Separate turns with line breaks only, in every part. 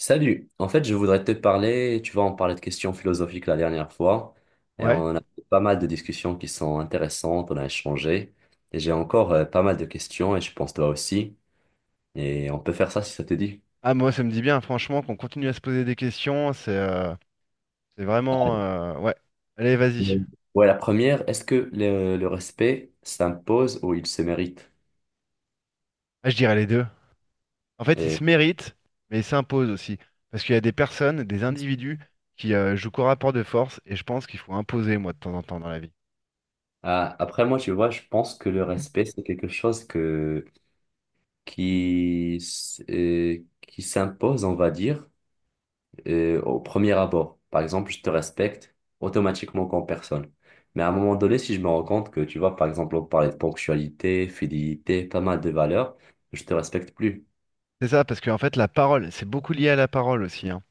Salut, en fait je voudrais te parler, tu vois on parlait de questions philosophiques la dernière fois et
Ouais.
on a eu pas mal de discussions qui sont intéressantes, on a échangé et j'ai encore pas mal de questions et je pense toi aussi et on peut faire ça si ça te dit.
Ah, moi, ça me dit bien, franchement, qu'on continue à se poser des questions. C'est vraiment. Ouais. Allez, vas-y.
Mm. Ouais la première, est-ce que le respect s'impose ou il se mérite?
Ah, je dirais les deux. En fait, ils se
Et
méritent, mais ils s'imposent aussi. Parce qu'il y a des personnes, des individus qui jouent qu'au rapport de force, et je pense qu'il faut imposer, moi, de temps en temps dans la vie.
Après moi tu vois je pense que le respect c'est quelque chose que, qui, qui s'impose on va dire au premier abord. Par exemple, je te respecte automatiquement comme personne. Mais à un moment donné, si je me rends compte que, tu vois, par exemple, on parlait de ponctualité, fidélité, pas mal de valeurs, je te respecte plus.
C'est ça, parce qu'en fait, la parole, c'est beaucoup lié à la parole aussi, hein.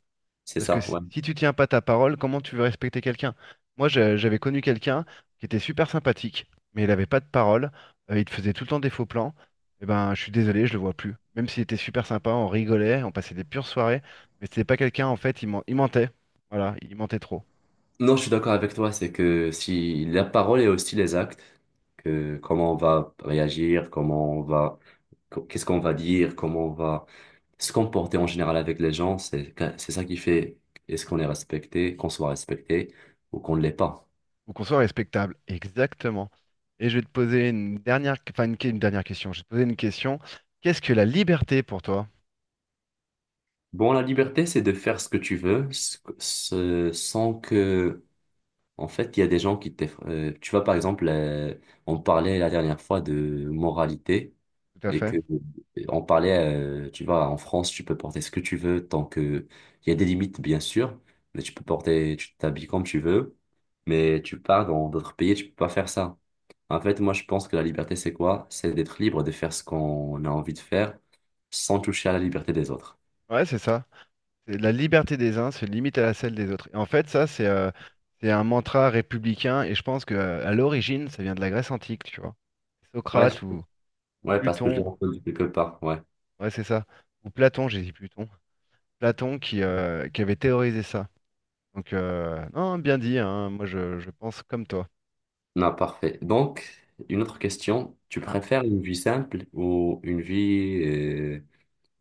C'est
Parce que
ça,
si
ouais.
si tu tiens pas ta parole, comment tu veux respecter quelqu'un? Moi, j'avais connu quelqu'un qui était super sympathique, mais il avait pas de parole, il te faisait tout le temps des faux plans. Eh ben, je suis désolé, je le vois plus. Même s'il était super sympa, on rigolait, on passait des pures soirées, mais c'était pas quelqu'un, en fait, il, il mentait. Voilà, il mentait trop.
Non, je suis d'accord avec toi, c'est que si la parole et aussi les actes, que comment on va réagir, comment on va, qu'est-ce qu'on va dire, comment on va se comporter en général avec les gens, c'est ça qui fait est-ce qu'on est respecté, qu'on soit respecté ou qu'on ne l'est pas.
Faut qu'on soit respectable. Exactement. Et je vais te poser une dernière, enfin, une, une dernière question. Je vais te poser une question. Qu'est-ce que la liberté pour toi?
Bon, la liberté, c'est de faire ce que tu veux, ce- ce- sans que, en fait, il y a des gens qui te... tu vois, par exemple, on parlait la dernière fois de moralité
Tout à
et que
fait.
on parlait, tu vois, en France, tu peux porter ce que tu veux tant que il y a des limites, bien sûr, mais tu peux porter, tu t'habilles comme tu veux, mais tu pars dans d'autres pays, tu peux pas faire ça. En fait, moi, je pense que la liberté, c'est quoi? C'est d'être libre de faire ce qu'on a envie de faire sans toucher à la liberté des autres.
Ouais, c'est ça. C'est la liberté des uns se limite à la celle des autres. Et en fait, ça, c'est un mantra républicain, et je pense que à l'origine, ça vient de la Grèce antique, tu vois.
Ouais,
Socrate ou
ouais, parce que je l'ai
Pluton,
entendu quelque part. Ouais.
ouais, c'est ça. Ou Platon, j'ai dit Pluton. Platon qui avait théorisé ça. Donc, non, bien dit, hein, moi je pense comme toi.
Non, parfait. Donc, une autre question. Tu
Ah.
préfères une vie simple ou une vie, euh,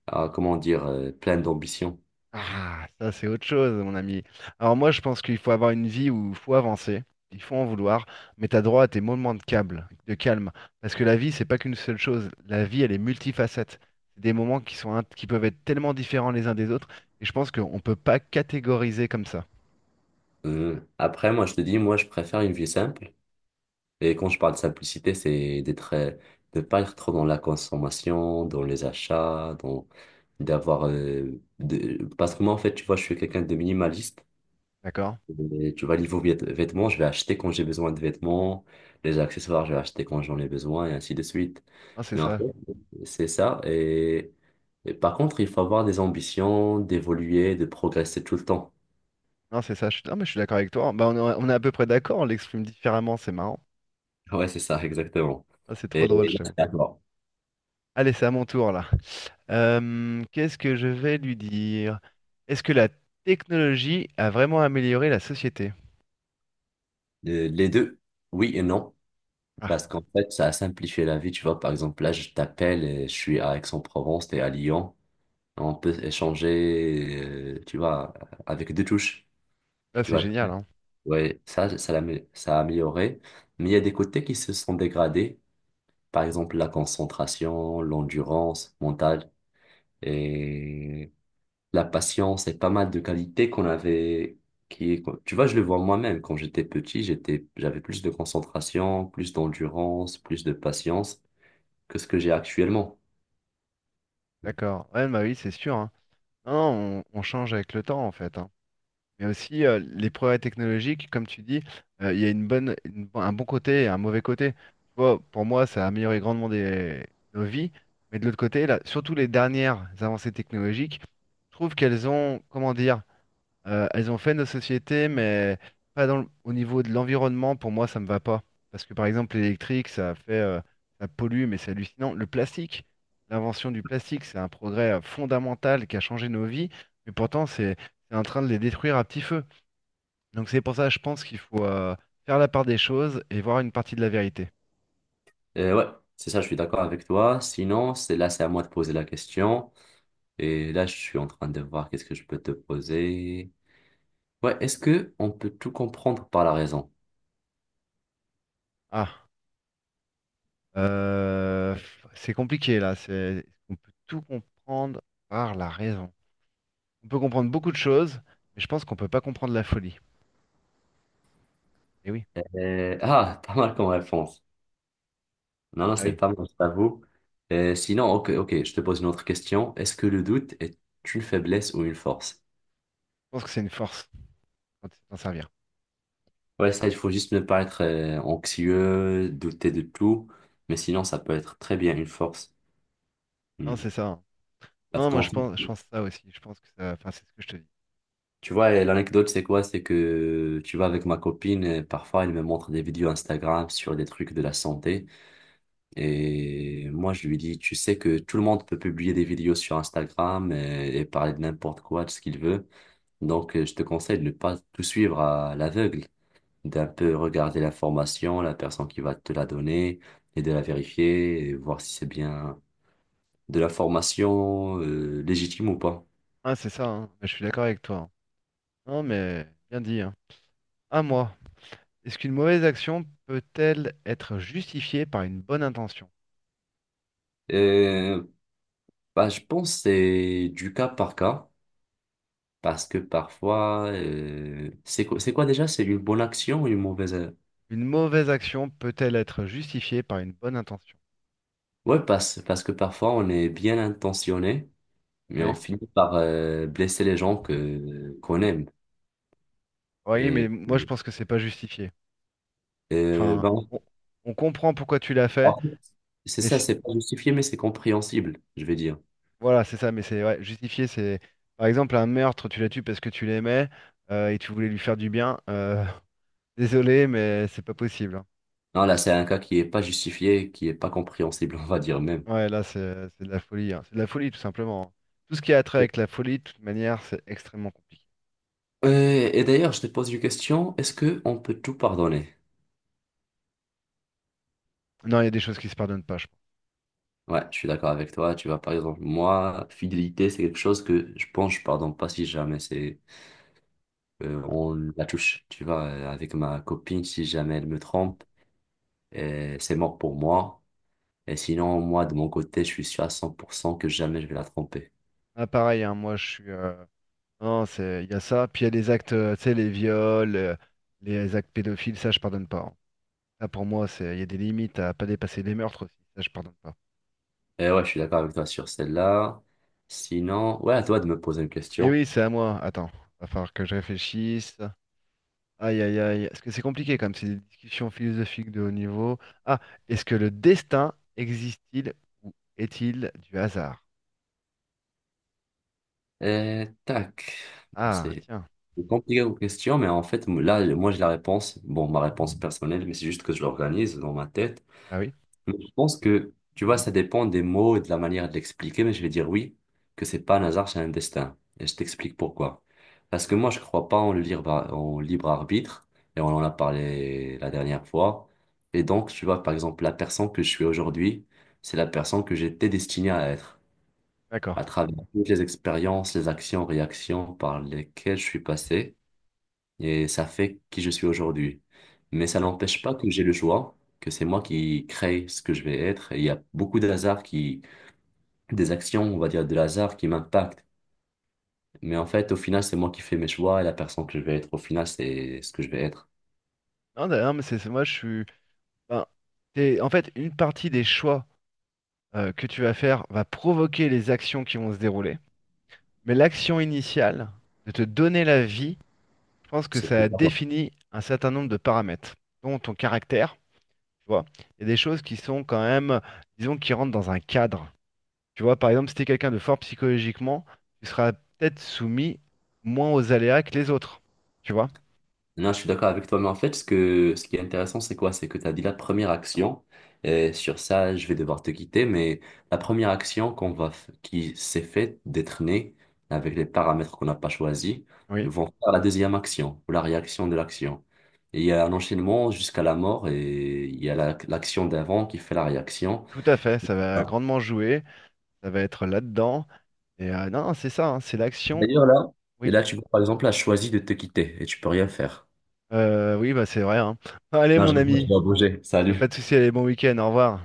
ah, comment dire, pleine d'ambition?
Ah, ça c'est autre chose, mon ami. Alors moi, je pense qu'il faut avoir une vie où il faut avancer, il faut en vouloir, mais t'as droit à tes moments de câble, de calme, parce que la vie, c'est pas qu'une seule chose. La vie, elle est multifacette. C'est des moments qui sont, qui peuvent être tellement différents les uns des autres, et je pense qu'on peut pas catégoriser comme ça,
Après, moi, je te dis, moi, je préfère une vie simple. Et quand je parle de simplicité, c'est d'être, de pas être trop dans la consommation, dans les achats, dans, d'avoir, de- parce que moi, en fait, tu vois, je suis quelqu'un de minimaliste.
d'accord?
Et tu vois, niveau vêtements, je vais acheter quand j'ai besoin de vêtements. Les accessoires, je vais acheter quand j'en ai besoin et ainsi de suite.
Non, c'est
Mais en
ça.
fait, c'est ça. Et par contre, il faut avoir des ambitions d'évoluer, de progresser tout le temps.
Non, c'est ça. Je suis... Non, mais je suis d'accord avec toi. Bah, on est à peu près d'accord. On l'exprime différemment. C'est marrant.
Ouais, c'est ça, exactement.
Ah, c'est
Et
trop drôle, je
là,
t'avoue.
c'est à toi.
Allez, c'est à mon tour là. Qu'est-ce que je vais lui dire? Est-ce que la technologie a vraiment amélioré la société?
Les deux, oui et non.
Ah,
Parce qu'en fait, ça a simplifié la vie. Tu vois, par exemple, là, je t'appelle et je suis à Aix-en-Provence, t'es à Lyon. On peut échanger, tu vois, avec deux touches.
là
Tu
c'est
vois,
génial, hein.
ouais, ça a amélioré, mais il y a des côtés qui se sont dégradés. Par exemple, la concentration, l'endurance mentale et la patience et pas mal de qualités qu'on avait. Qui, tu vois, je le vois moi-même. Quand j'étais petit, j'étais, j'avais plus de concentration, plus d'endurance, plus de patience que ce que j'ai actuellement.
D'accord. Ouais, bah oui, c'est sûr, hein. Non, non, on change avec le temps en fait, hein. Mais aussi les progrès technologiques, comme tu dis, il y a une bonne, bon, un bon côté et un mauvais côté. Tu vois, pour moi, ça a amélioré grandement nos vies, mais de l'autre côté, là, surtout les dernières avancées technologiques, je trouve qu'elles ont, comment dire, elles ont fait nos sociétés, mais pas dans au niveau de l'environnement, pour moi, ça me va pas. Parce que par exemple, l'électrique, ça fait, ça pollue, mais c'est hallucinant. Le plastique, l'invention du plastique, c'est un progrès fondamental qui a changé nos vies, mais pourtant, c'est en train de les détruire à petit feu. Donc c'est pour ça, je pense qu'il faut faire la part des choses et voir une partie de la vérité.
Et ouais, c'est ça, je suis d'accord avec toi. Sinon, c'est là, c'est à moi de poser la question. Et là, je suis en train de voir qu'est-ce que je peux te poser. Ouais, est-ce que on peut tout comprendre par la raison?
Ah, euh, c'est compliqué là. C'est, on peut tout comprendre par la raison. On peut comprendre beaucoup de choses, mais je pense qu'on peut pas comprendre la folie. Et oui,
Pas mal comme réponse. Non, non,
ah
c'est
oui.
pas mal, je t'avoue. Sinon, ok, ok, je te pose une autre question. Est-ce que le doute est une faiblesse ou une force?
Je pense que c'est une force quand tu sais t'en servir.
Ouais, ça, il faut juste ne pas être anxieux, douter de tout, mais sinon, ça peut être très bien une force.
Non,
Hmm.
c'est ça, hein.
Parce
Non, moi
qu'en fait,
je pense ça aussi. Je pense que ça. Enfin, c'est ce que je te dis.
tu vois, l'anecdote, c'est quoi? C'est que tu vas avec ma copine, parfois, elle me montre des vidéos Instagram sur des trucs de la santé. Et moi, je lui dis, tu sais que tout le monde peut publier des vidéos sur Instagram et parler de n'importe quoi, de ce qu'il veut. Donc, je te conseille de ne pas tout suivre à l'aveugle, d'un peu regarder l'information, la personne qui va te la donner et de la vérifier et voir si c'est bien de l'information légitime ou pas.
Ah, c'est ça, hein. Mais je suis d'accord avec toi, hein. Non, mais bien dit, hein. À moi. Est-ce qu'une mauvaise action peut-elle être justifiée par une bonne intention?
Euh, bah, je pense que c'est du cas par cas parce que parfois, c'est quoi déjà? C'est une bonne action ou une mauvaise, euh.
Une mauvaise action peut-elle être justifiée par une bonne intention?
Ouais, parce, parce que parfois on est bien intentionné, mais on
Oui.
finit par blesser les gens que qu'on aime.
Oui, mais
Et
moi je pense que c'est pas justifié.
euh,
Enfin,
ben,
on, on comprend pourquoi tu l'as fait,
en fait, c'est
mais
ça, c'est pas justifié, mais c'est compréhensible, je vais dire.
voilà, c'est ça, mais c'est ouais, justifié, c'est par exemple un meurtre, tu la tues parce que tu l'aimais et tu voulais lui faire du bien. Désolé, mais c'est pas possible, hein.
Non, là, c'est un cas qui est pas justifié, qui est pas compréhensible, on va dire même.
Ouais, là, c'est de la folie, hein. C'est de la folie tout simplement, hein. Tout ce qui a trait avec la folie, de toute manière, c'est extrêmement compliqué.
Et d'ailleurs, je te pose une question, est-ce que on peut tout pardonner?
Non, il y a des choses qui se pardonnent pas, je pense.
Ouais, je suis d'accord avec toi. Tu vois, par exemple, moi, fidélité, c'est quelque chose que je pense, je pardonne pas si jamais c'est on la touche, tu vois, avec ma copine, si jamais elle me trompe, c'est mort pour moi. Et sinon, moi, de mon côté, je suis sûr à 100% que jamais je vais la tromper.
Ah, pareil, hein, moi, je suis. Non, c'est il y a ça. Puis il y a des actes, tu sais, les viols, les actes pédophiles, ça, je pardonne pas, hein. Ça, pour moi, c'est il y a des limites à pas dépasser les meurtres aussi. Ça, je pardonne pas.
Et ouais, je suis d'accord avec toi sur celle-là. Sinon, ouais, à toi de me poser une
Et
question.
oui, c'est à moi. Attends, va falloir que je réfléchisse. Aïe, aïe, aïe. Parce que c'est compliqué comme c'est des discussions philosophiques de haut niveau. Ah, est-ce que le destin existe-t-il ou est-il du hasard?
Et tac, bah,
Ah,
c'est
tiens.
c'est compliqué aux questions, mais en fait, là, moi, j'ai la réponse. Bon, ma réponse personnelle, mais c'est juste que je l'organise dans ma tête.
Ah oui,
Mais je pense que, tu vois, ça dépend des mots et de la manière de l'expliquer, mais je vais dire oui, que c'est pas un hasard, c'est un destin. Et je t'explique pourquoi. Parce que moi, je crois pas en libre arbitre, et on en a parlé la dernière fois. Et donc, tu vois, par exemple, la personne que je suis aujourd'hui, c'est la personne que j'étais destinée à être,
d'accord,
à travers toutes les expériences, les actions, réactions par lesquelles je suis passé et ça fait qui je suis aujourd'hui. Mais ça
d'accord.
n'empêche pas que j'ai le choix, que c'est moi qui crée ce que je vais être. Et il y a beaucoup de hasard qui, des actions, on va dire, de hasard qui m'impactent. Mais en fait, au final, c'est moi qui fais mes choix et la personne que je vais être, au final, c'est ce que je vais être.
Non, d'ailleurs, mais moi, je suis. Ben, en fait, une partie des choix que tu vas faire va provoquer les actions qui vont se dérouler. Mais l'action initiale de te donner la vie, je pense que
C'est
ça définit un certain nombre de paramètres, dont ton caractère. Tu vois, il y a des choses qui sont quand même, disons, qui rentrent dans un cadre. Tu vois, par exemple, si t'es quelqu'un de fort psychologiquement, tu seras peut-être soumis moins aux aléas que les autres. Tu vois?
non, je suis d'accord avec toi, mais en fait, ce que, ce qui est intéressant, c'est quoi? C'est que tu as dit la première action, et sur ça, je vais devoir te quitter, mais la première action qu'on va, qui s'est faite d'être née avec les paramètres qu'on n'a pas choisis,
Oui,
vont faire la deuxième action, ou la réaction de l'action. Et il y a un enchaînement jusqu'à la mort, et il y a l'action d'avant qui fait la réaction.
tout à fait. Ça va
Ah.
grandement jouer. Ça va être là-dedans. Et non, non, c'est ça, hein, c'est l'action.
D'ailleurs, là, et
Oui,
là, tu vois, par exemple, a choisi de te quitter, et tu peux rien faire.
Oui, bah c'est vrai, hein. Allez,
Non, je
mon
rigole, je
ami,
dois bouger.
pas
Salut.
de souci. Allez, bon week-end. Au revoir.